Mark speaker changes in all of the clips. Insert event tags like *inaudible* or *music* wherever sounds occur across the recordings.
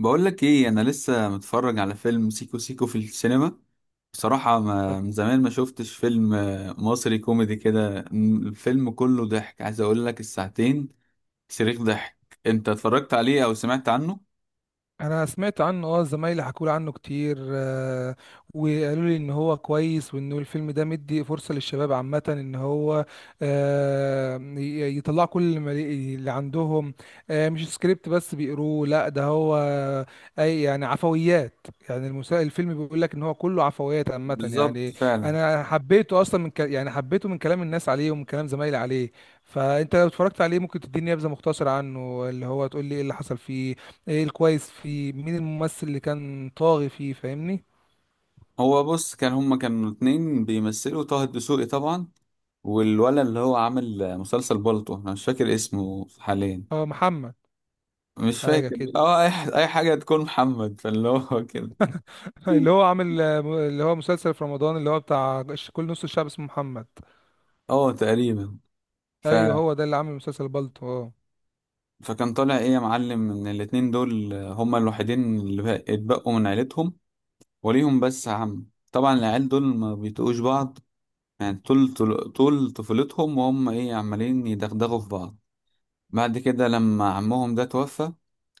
Speaker 1: بقول لك ايه، انا لسه متفرج على فيلم سيكو سيكو في السينما. بصراحة ما من زمان ما شفتش فيلم مصري كوميدي كده، الفيلم كله ضحك، عايز اقول لك الساعتين صريخ ضحك. انت اتفرجت عليه او سمعت عنه؟
Speaker 2: انا سمعت عنه اه، زمايلي حكوا لي عنه كتير. وقالوا لي ان هو كويس وانه الفيلم ده مدي فرصة للشباب عامة ان هو يطلع كل ما لي- اللي عندهم. مش سكريبت بس بيقروه، لا ده هو اي يعني عفويات، يعني الفيلم بيقول لك ان هو كله عفويات عامة
Speaker 1: بالظبط
Speaker 2: يعني.
Speaker 1: فعلا.
Speaker 2: انا حبيته اصلا يعني حبيته من كلام الناس عليه ومن كلام زمايلي عليه. فانت لو اتفرجت عليه ممكن تديني نبذة مختصرة عنه، اللي هو تقول لي ايه اللي حصل فيه، ايه الكويس فيه، مين الممثل اللي كان طاغي فيه، فاهمني؟
Speaker 1: هو بص، كان هما كانوا اتنين بيمثلوا، طه الدسوقي طبعا، والولد اللي هو عامل مسلسل بالطو، انا مش فاكر اسمه حاليا.
Speaker 2: هو محمد.
Speaker 1: مش
Speaker 2: حاجة
Speaker 1: فاكر،
Speaker 2: كده.
Speaker 1: اه اي أي حاجة تكون محمد، فاللي هو كده.
Speaker 2: *laughs* اللي هو
Speaker 1: *laughs*
Speaker 2: عامل اللي هو مسلسل في رمضان اللي هو بتاع كل نص الشعب اسمه محمد.
Speaker 1: اه تقريبا.
Speaker 2: ايوه هو ده اللي عامل مسلسل بالطو، اه.
Speaker 1: فكان طالع ايه يا معلم ان الاتنين دول هما الوحيدين اللي اتبقوا من عيلتهم، وليهم بس عم. طبعا العيال دول ما بيطيقوش بعض، يعني طول طفولتهم وهم ايه عمالين يدغدغوا في بعض. بعد كده لما عمهم ده توفى،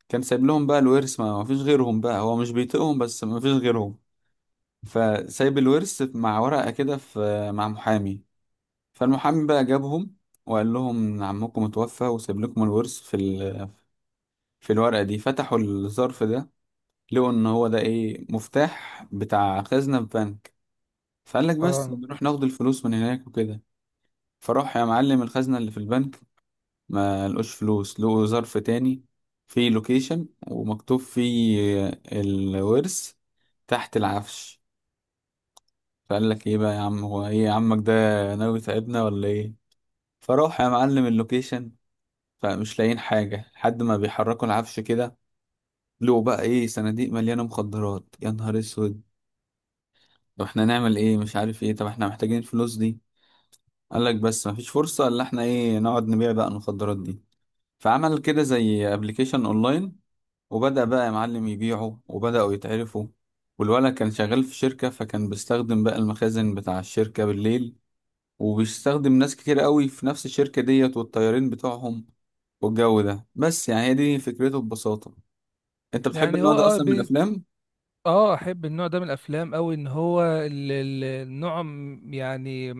Speaker 1: كان سايب لهم بقى الورث، ما فيش غيرهم، بقى هو مش بيطيقهم بس ما فيش غيرهم. فسايب الورث مع ورقة كده، في مع محامي. فالمحامي بقى جابهم وقال لهم إن عمكم اتوفى وسايب لكم الورث في ال... في الورقة دي. فتحوا الظرف ده، لقوا ان هو ده ايه، مفتاح بتاع خزنة في بنك. فقال لك بس
Speaker 2: اه
Speaker 1: بنروح ناخد الفلوس من هناك وكده. فراح يا معلم الخزنة اللي في البنك، ما لقوش فلوس، لقوا ظرف تاني، فيه لوكيشن ومكتوب فيه الورث تحت العفش. فقال لك ايه بقى يا عم، هو ايه عمك ده ناوي يتعبنا ولا ايه؟ فراح يا معلم اللوكيشن، فمش لاقيين حاجة، لحد ما بيحركوا العفش كده، لقوا بقى ايه، صناديق مليانة مخدرات، يا نهار اسود. طب احنا نعمل ايه؟ مش عارف ايه، طب احنا محتاجين الفلوس دي. قال لك بس مفيش فرصة الا احنا ايه، نقعد نبيع بقى المخدرات دي. فعمل كده زي ابلكيشن اونلاين، وبدأ بقى يا معلم يبيعه، وبدأوا يتعرفوا. والولد كان شغال في شركة، فكان بيستخدم بقى المخازن بتاع الشركة بالليل، وبيستخدم ناس كتير قوي في نفس الشركة ديت والطيارين بتوعهم والجو ده. بس يعني هي دي فكرته ببساطة. انت بتحب
Speaker 2: يعني
Speaker 1: النوع
Speaker 2: هو
Speaker 1: ده
Speaker 2: اه،
Speaker 1: اصلا من الافلام؟
Speaker 2: اه احب النوع ده من الافلام قوي، ان هو النوع يعني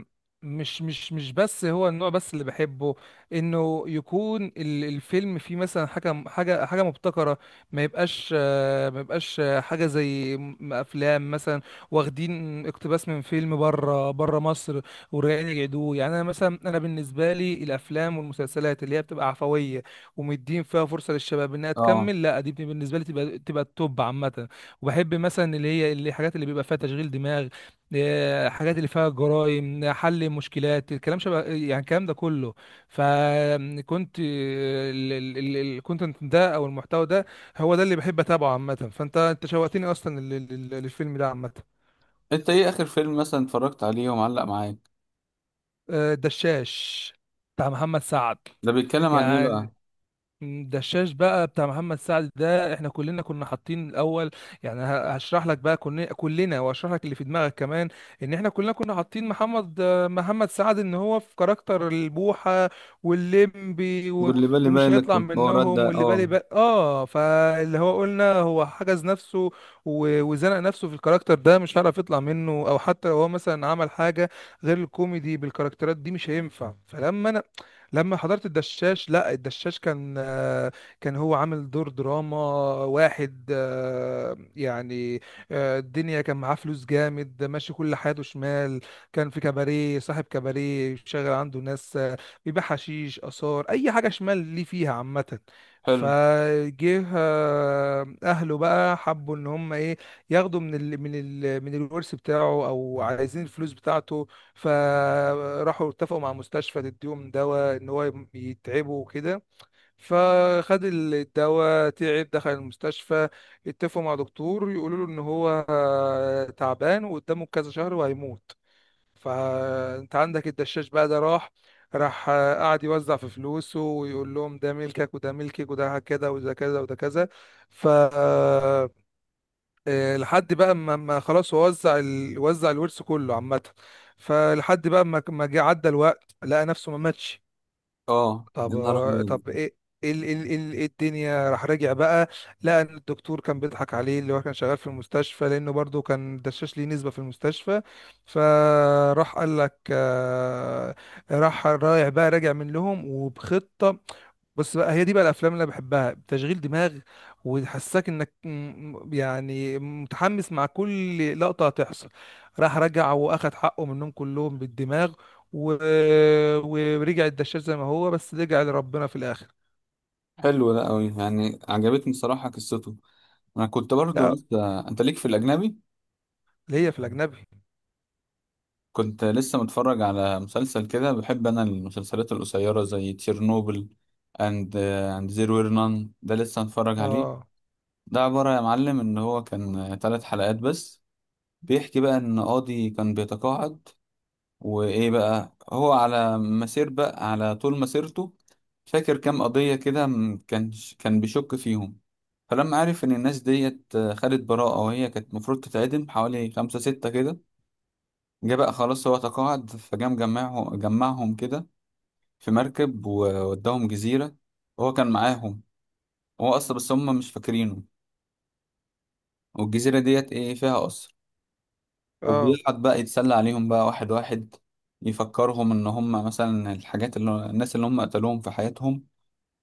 Speaker 2: مش بس هو النوع بس اللي بحبه، انه يكون الفيلم فيه مثلا حاجه مبتكره. ما يبقاش ما يبقاش حاجه افلام مثلا واخدين اقتباس من فيلم بره بره مصر ورجعين يعيدوه. يعني انا مثلا، انا بالنسبه لي الافلام والمسلسلات اللي هي بتبقى عفويه ومدين فيها فرصه للشباب انها
Speaker 1: اه.
Speaker 2: تكمل، لا دي بالنسبه لي تبقى تبقى التوب عامه. وبحب مثلا اللي هي الحاجات اللي بيبقى فيها تشغيل دماغ، حاجات اللي فيها جرائم، حل مشكلات، الكلام شبه يعني الكلام ده كله. فكنت الكونتنت ده او المحتوى ده هو ده اللي بحب اتابعه عامه. فانت انت شوقتني اصلا للفيلم ده عامه.
Speaker 1: انت ايه اخر فيلم مثلا اتفرجت عليه ومعلق معاك؟
Speaker 2: الدشاش بتاع محمد سعد.
Speaker 1: ده بيتكلم عن ايه بقى؟
Speaker 2: يعني الدشاش بقى بتاع محمد سعد ده احنا كلنا كنا حاطين الاول، يعني هشرح لك بقى، كنا كلنا واشرح لك اللي في دماغك كمان، ان احنا كلنا كنا حاطين محمد، محمد سعد ان هو في كاركتر البوحة واللمبي و...
Speaker 1: واللي بالي
Speaker 2: ومش
Speaker 1: بالك
Speaker 2: هيطلع
Speaker 1: والحوارات
Speaker 2: منهم
Speaker 1: ده
Speaker 2: واللي بالي
Speaker 1: اه.
Speaker 2: بقى اه، فاللي هو قلنا هو حجز نفسه و... وزنق نفسه في الكاركتر ده، مش هيعرف يطلع منه، او حتى لو هو مثلا عمل حاجة غير الكوميدي بالكاركترات دي مش هينفع. فلما انا لما حضرت الدشاش، لا الدشاش كان كان هو عامل دور دراما واحد يعني الدنيا كان معاه فلوس جامد، ماشي كل حياته شمال، كان في كباريه، صاحب كباريه، شغال عنده ناس، بيبيع حشيش، آثار، أي حاجة شمال ليه فيها عامة.
Speaker 1: حلو.
Speaker 2: فجه اهله بقى حبوا ان هم ايه، ياخدوا من ال من الورث بتاعه، او عايزين الفلوس بتاعته. فراحوا اتفقوا مع مستشفى تديهم دواء ان هو يتعبوا وكده، فخد الدواء تعب دخل المستشفى، اتفقوا مع دكتور يقولوا له ان هو تعبان وقدامه كذا شهر وهيموت. فانت عندك الدشاش بقى ده راح، راح قعد يوزع في فلوسه ويقول لهم ده ملكك وده ملكك وده كذا وده كذا وده كذا. ف لحد بقى ما خلاص هو وزع الورث كله عامة. فلحد بقى ما جه عدى الوقت لقى نفسه ما ماتش.
Speaker 1: اه يا نهار أبيض.
Speaker 2: طب ايه؟ إيه ال إيه الدنيا؟ راح راجع بقى، لقى ان الدكتور كان بيضحك عليه، اللي هو كان شغال في المستشفى لانه برضه كان دشاش ليه نسبة في المستشفى. فراح قال لك راح رايح بقى راجع من لهم وبخطة. بص بقى هي دي بقى الافلام اللي انا بحبها، تشغيل دماغ وتحسسك انك يعني متحمس مع كل لقطه هتحصل. راح رجع واخد حقه منهم كلهم بالدماغ و... ورجع الدشاش زي ما هو، بس رجع لربنا في الاخر.
Speaker 1: حلو ده أوي، يعني عجبتني صراحة قصته. أنا كنت برضو
Speaker 2: لا
Speaker 1: لسه، أنت ليك في الأجنبي؟
Speaker 2: اللي هي في الاجنبي.
Speaker 1: كنت لسه متفرج على مسلسل كده، بحب أنا المسلسلات القصيرة زي تشيرنوبل، أند أند زيرو وير نان، ده لسه متفرج عليه.
Speaker 2: اه.
Speaker 1: ده عبارة يا معلم إن هو كان تلات حلقات بس، بيحكي بقى إن قاضي كان بيتقاعد، وايه بقى، هو على مسير بقى على طول مسيرته فاكر كام قضية كده، كان كان بيشك فيهم. فلما عرف ان الناس ديت خدت براءة وهي كانت المفروض تتعدم، حوالي خمسة ستة كده، جه بقى خلاص هو تقاعد، جمعهم كده في مركب ووداهم جزيرة، وهو كان معاهم، هو أصلا، بس هم مش فاكرينه. والجزيرة ديت ايه فيها قصر،
Speaker 2: اه
Speaker 1: وبيقعد بقى يتسلى عليهم بقى واحد واحد، يفكرهم ان هم مثلا الحاجات اللي الناس اللي هم قتلوهم في حياتهم،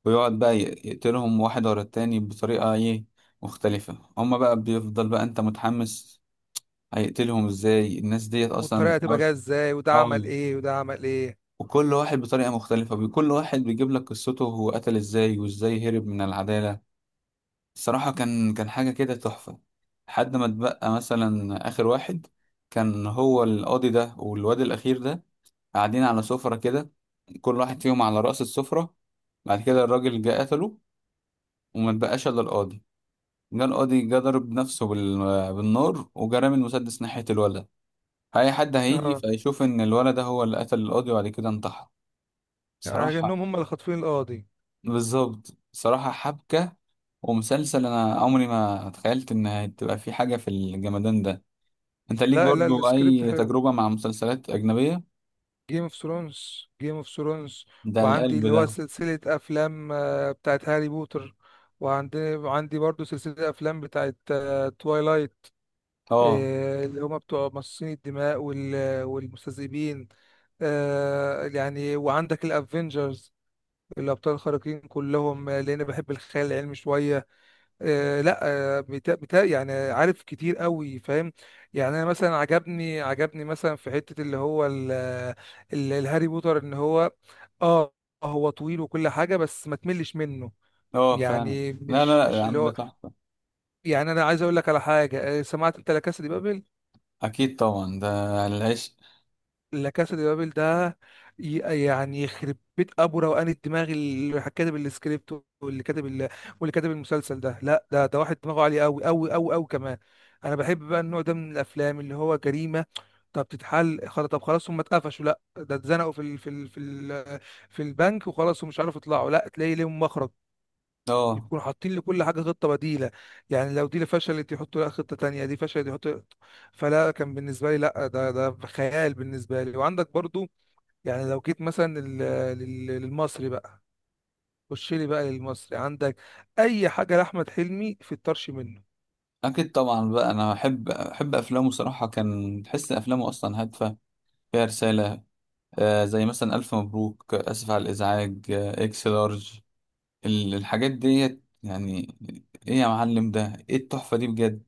Speaker 1: ويقعد بقى يقتلهم واحد ورا التاني بطريقة ايه مختلفة. هم بقى بيفضل بقى انت متحمس هيقتلهم ازاي، الناس ديت اصلا
Speaker 2: والطريقه هتبقى
Speaker 1: بتحاول.
Speaker 2: جايه ازاي وده عمل
Speaker 1: اه.
Speaker 2: ايه وده عمل ايه.
Speaker 1: وكل واحد بطريقة مختلفة كل واحد بيجيب لك قصته هو قتل ازاي وازاي هرب من العدالة. الصراحة كان حاجة كده تحفة. لحد ما اتبقى مثلا آخر واحد، كان هو القاضي ده والواد الأخير ده، قاعدين على سفرة كده، كل واحد فيهم على رأس السفرة. بعد كده الراجل جه قتله، وما اتبقاش إلا القاضي. جه القاضي جه ضرب نفسه بال... بالنار، وجه رامي المسدس ناحية الولد، فأي حد هيجي
Speaker 2: اه
Speaker 1: فيشوف إن الولد ده هو اللي قتل القاضي وبعد كده انتحر.
Speaker 2: يعني انهم
Speaker 1: بصراحة
Speaker 2: هم اللي خاطفين القاضي.
Speaker 1: بالظبط. بصراحة حبكة ومسلسل، أنا عمري ما تخيلت إن هتبقى في حاجة في الجمدان ده. أنت ليك
Speaker 2: لا لا،
Speaker 1: برضو
Speaker 2: السكريبت
Speaker 1: أي
Speaker 2: حلو.
Speaker 1: تجربة مع مسلسلات أجنبية؟
Speaker 2: جيم اوف ثرونز، جيم اوف ثرونز،
Speaker 1: ده
Speaker 2: وعندي
Speaker 1: القلب
Speaker 2: اللي
Speaker 1: ده.
Speaker 2: هو سلسلة أفلام بتاعت هاري بوتر. وعندي برضو سلسلة أفلام بتاعت توايلايت
Speaker 1: اه.
Speaker 2: اللي هما بتوع مصاصين الدماء والمستذئبين. يعني وعندك الأفينجرز، الأبطال الخارقين كلهم، لأن بحب الخيال العلمي شوية. آه لا، آه بتا يعني عارف كتير قوي، فاهم؟ يعني انا مثلا عجبني، عجبني مثلا في حتة اللي هو الهاري بوتر ان هو اه، هو طويل وكل حاجة بس ما تملش منه.
Speaker 1: اه فعلا.
Speaker 2: يعني
Speaker 1: لا
Speaker 2: مش
Speaker 1: لا لا
Speaker 2: مش
Speaker 1: يا
Speaker 2: اللي
Speaker 1: عم، ده
Speaker 2: هو،
Speaker 1: تحفة.
Speaker 2: يعني انا عايز اقول لك على حاجة سمعت انت لا كاسا دي بابل؟
Speaker 1: اكيد طبعا ده العشق.
Speaker 2: لا كاسا دي بابل ده ي- يعني يخرب بيت ابو روقان الدماغ اللي كاتب السكريبت، واللي واللي كاتب المسلسل ده، لا ده ده واحد دماغه عالي قوي قوي قوي قوي كمان. انا بحب بقى النوع ده من الافلام اللي هو جريمه. طب تتحل خلاص، طب خلاص هم اتقفشوا، لا ده اتزنقوا في ال في البنك وخلاص ومش عارف يطلعوا، لا تلاقي ليهم مخرج،
Speaker 1: اه
Speaker 2: يكونوا حاطين لكل حاجة خطة بديلة. يعني لو دي اللي فشلت يحطوا لها خطة تانية، دي فشلت يحطوا. فلا كان بالنسبة لي لا ده ده خيال بالنسبة لي. وعندك برضو يعني لو جيت مثلا للمصري بقى، خش لي بقى للمصري عندك أي حاجة لأحمد حلمي في الطرش منه.
Speaker 1: اكيد طبعا بقى، انا احب افلامه صراحه، كان تحس ان افلامه اصلا هادفه فيها رساله. آه زي مثلا الف مبروك، اسف على الازعاج، آه اكس لارج، ال- الحاجات ديت يعني. ايه يا معلم ده، ايه التحفه دي بجد.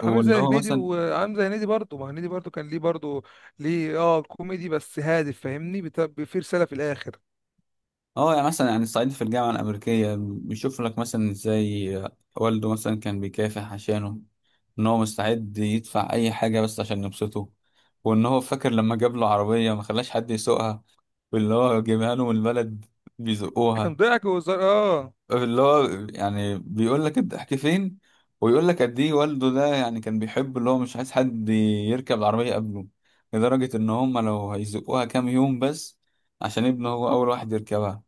Speaker 2: عامل زي
Speaker 1: واللي هو
Speaker 2: هنيدي،
Speaker 1: مثلا
Speaker 2: وعامل زي هنيدي برضه، ما هنيدي برضه كان ليه برضه ليه اه كوميدي بس هادف، فاهمني؟ في رسالة في الآخر،
Speaker 1: اه، يعني مثلا يعني الصعيدي في الجامعة الأمريكية، بيشوف لك مثلا ازاي والده مثلا كان بيكافح عشانه، ان هو مستعد يدفع اي حاجة بس عشان يبسطه. وان هو فاكر لما جاب له عربية ما خلاش حد يسوقها، واللي هو جايبها له من البلد بيزقوها.
Speaker 2: كان ضحك وهزار اه،
Speaker 1: اللي هو يعني بيقول لك الضحك فين، ويقول لك قد ايه والده ده، يعني كان بيحب اللي هو مش عايز حد يركب العربية قبله، لدرجة ان هم لو هيزقوها كام يوم بس، عشان ابنه هو اول واحد يركبها.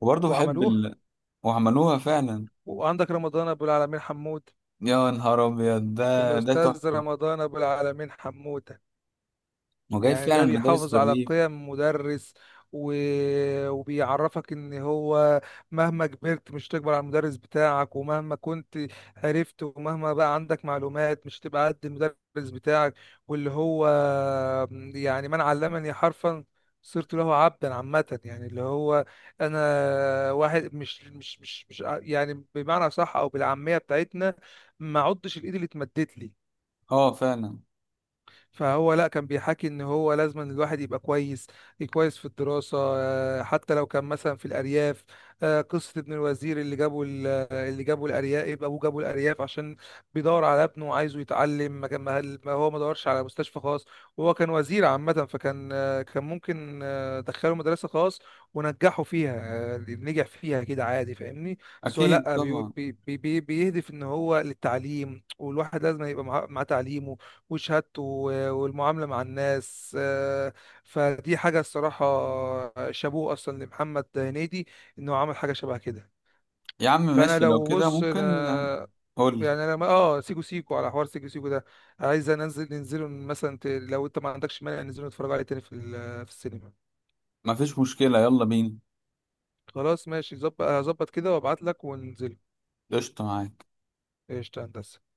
Speaker 1: وبرضه بحب
Speaker 2: وعملوه.
Speaker 1: ال، وعملوها فعلا.
Speaker 2: وعندك رمضان أبو العالمين حمود،
Speaker 1: يا نهار ابيض ده، ده
Speaker 2: الأستاذ
Speaker 1: تحفه،
Speaker 2: رمضان أبو العالمين حمودة.
Speaker 1: وجايب
Speaker 2: يعني
Speaker 1: فعلا
Speaker 2: ده
Speaker 1: مدارس في
Speaker 2: بيحافظ على
Speaker 1: الريف.
Speaker 2: قيم مدرس و... وبيعرفك إن هو مهما كبرت مش تكبر على المدرس بتاعك، ومهما كنت عرفت ومهما بقى عندك معلومات مش تبقى قد المدرس بتاعك. واللي هو يعني من علمني حرفا صرت له عبدا عامة. يعني اللي هو أنا واحد مش مش مش مش ع- يعني بمعنى صح أو بالعامية بتاعتنا ما عدتش الإيد اللي اتمدت لي.
Speaker 1: اه فعلا.
Speaker 2: فهو لا كان بيحكي ان هو لازم إن الواحد يبقى كويس، كويس في الدراسة حتى لو كان مثلا في الارياف. قصة ابن الوزير اللي اللي جابه الارياف، ابوه جابه الارياف عشان بيدور على ابنه وعايزه يتعلم. ما هو ما دورش على مستشفى خاص وهو كان وزير عامة، فكان كان ممكن دخله مدرسة خاص ونجحه فيها، نجح فيها كده عادي، فاهمني؟ بس هو
Speaker 1: اكيد
Speaker 2: لا بي
Speaker 1: طبعا.
Speaker 2: بي بي بيهدف ان هو للتعليم والواحد لازم يبقى معاه مع تعليم وشهادته والمعاملة مع الناس فدي حاجة الصراحة شابوه أصلا لمحمد هنيدي إنه عمل حاجة شبه كده.
Speaker 1: يا عم
Speaker 2: فأنا
Speaker 1: ماشي لو
Speaker 2: لو
Speaker 1: كده
Speaker 2: بص
Speaker 1: ممكن.
Speaker 2: أنا
Speaker 1: قول لي.
Speaker 2: يعني أنا آه سيكو سيكو، على حوار سيكو سيكو ده عايز ننزل ننزله مثلا، لو أنت ما عندكش مانع ننزله نتفرج عليه تاني في السينما.
Speaker 1: مفيش مشكله، يلا بينا.
Speaker 2: خلاص ماشي، ظبط هظبط كده وأبعت لك وننزله.
Speaker 1: قشطه معاك.
Speaker 2: قشطة يا هندسة.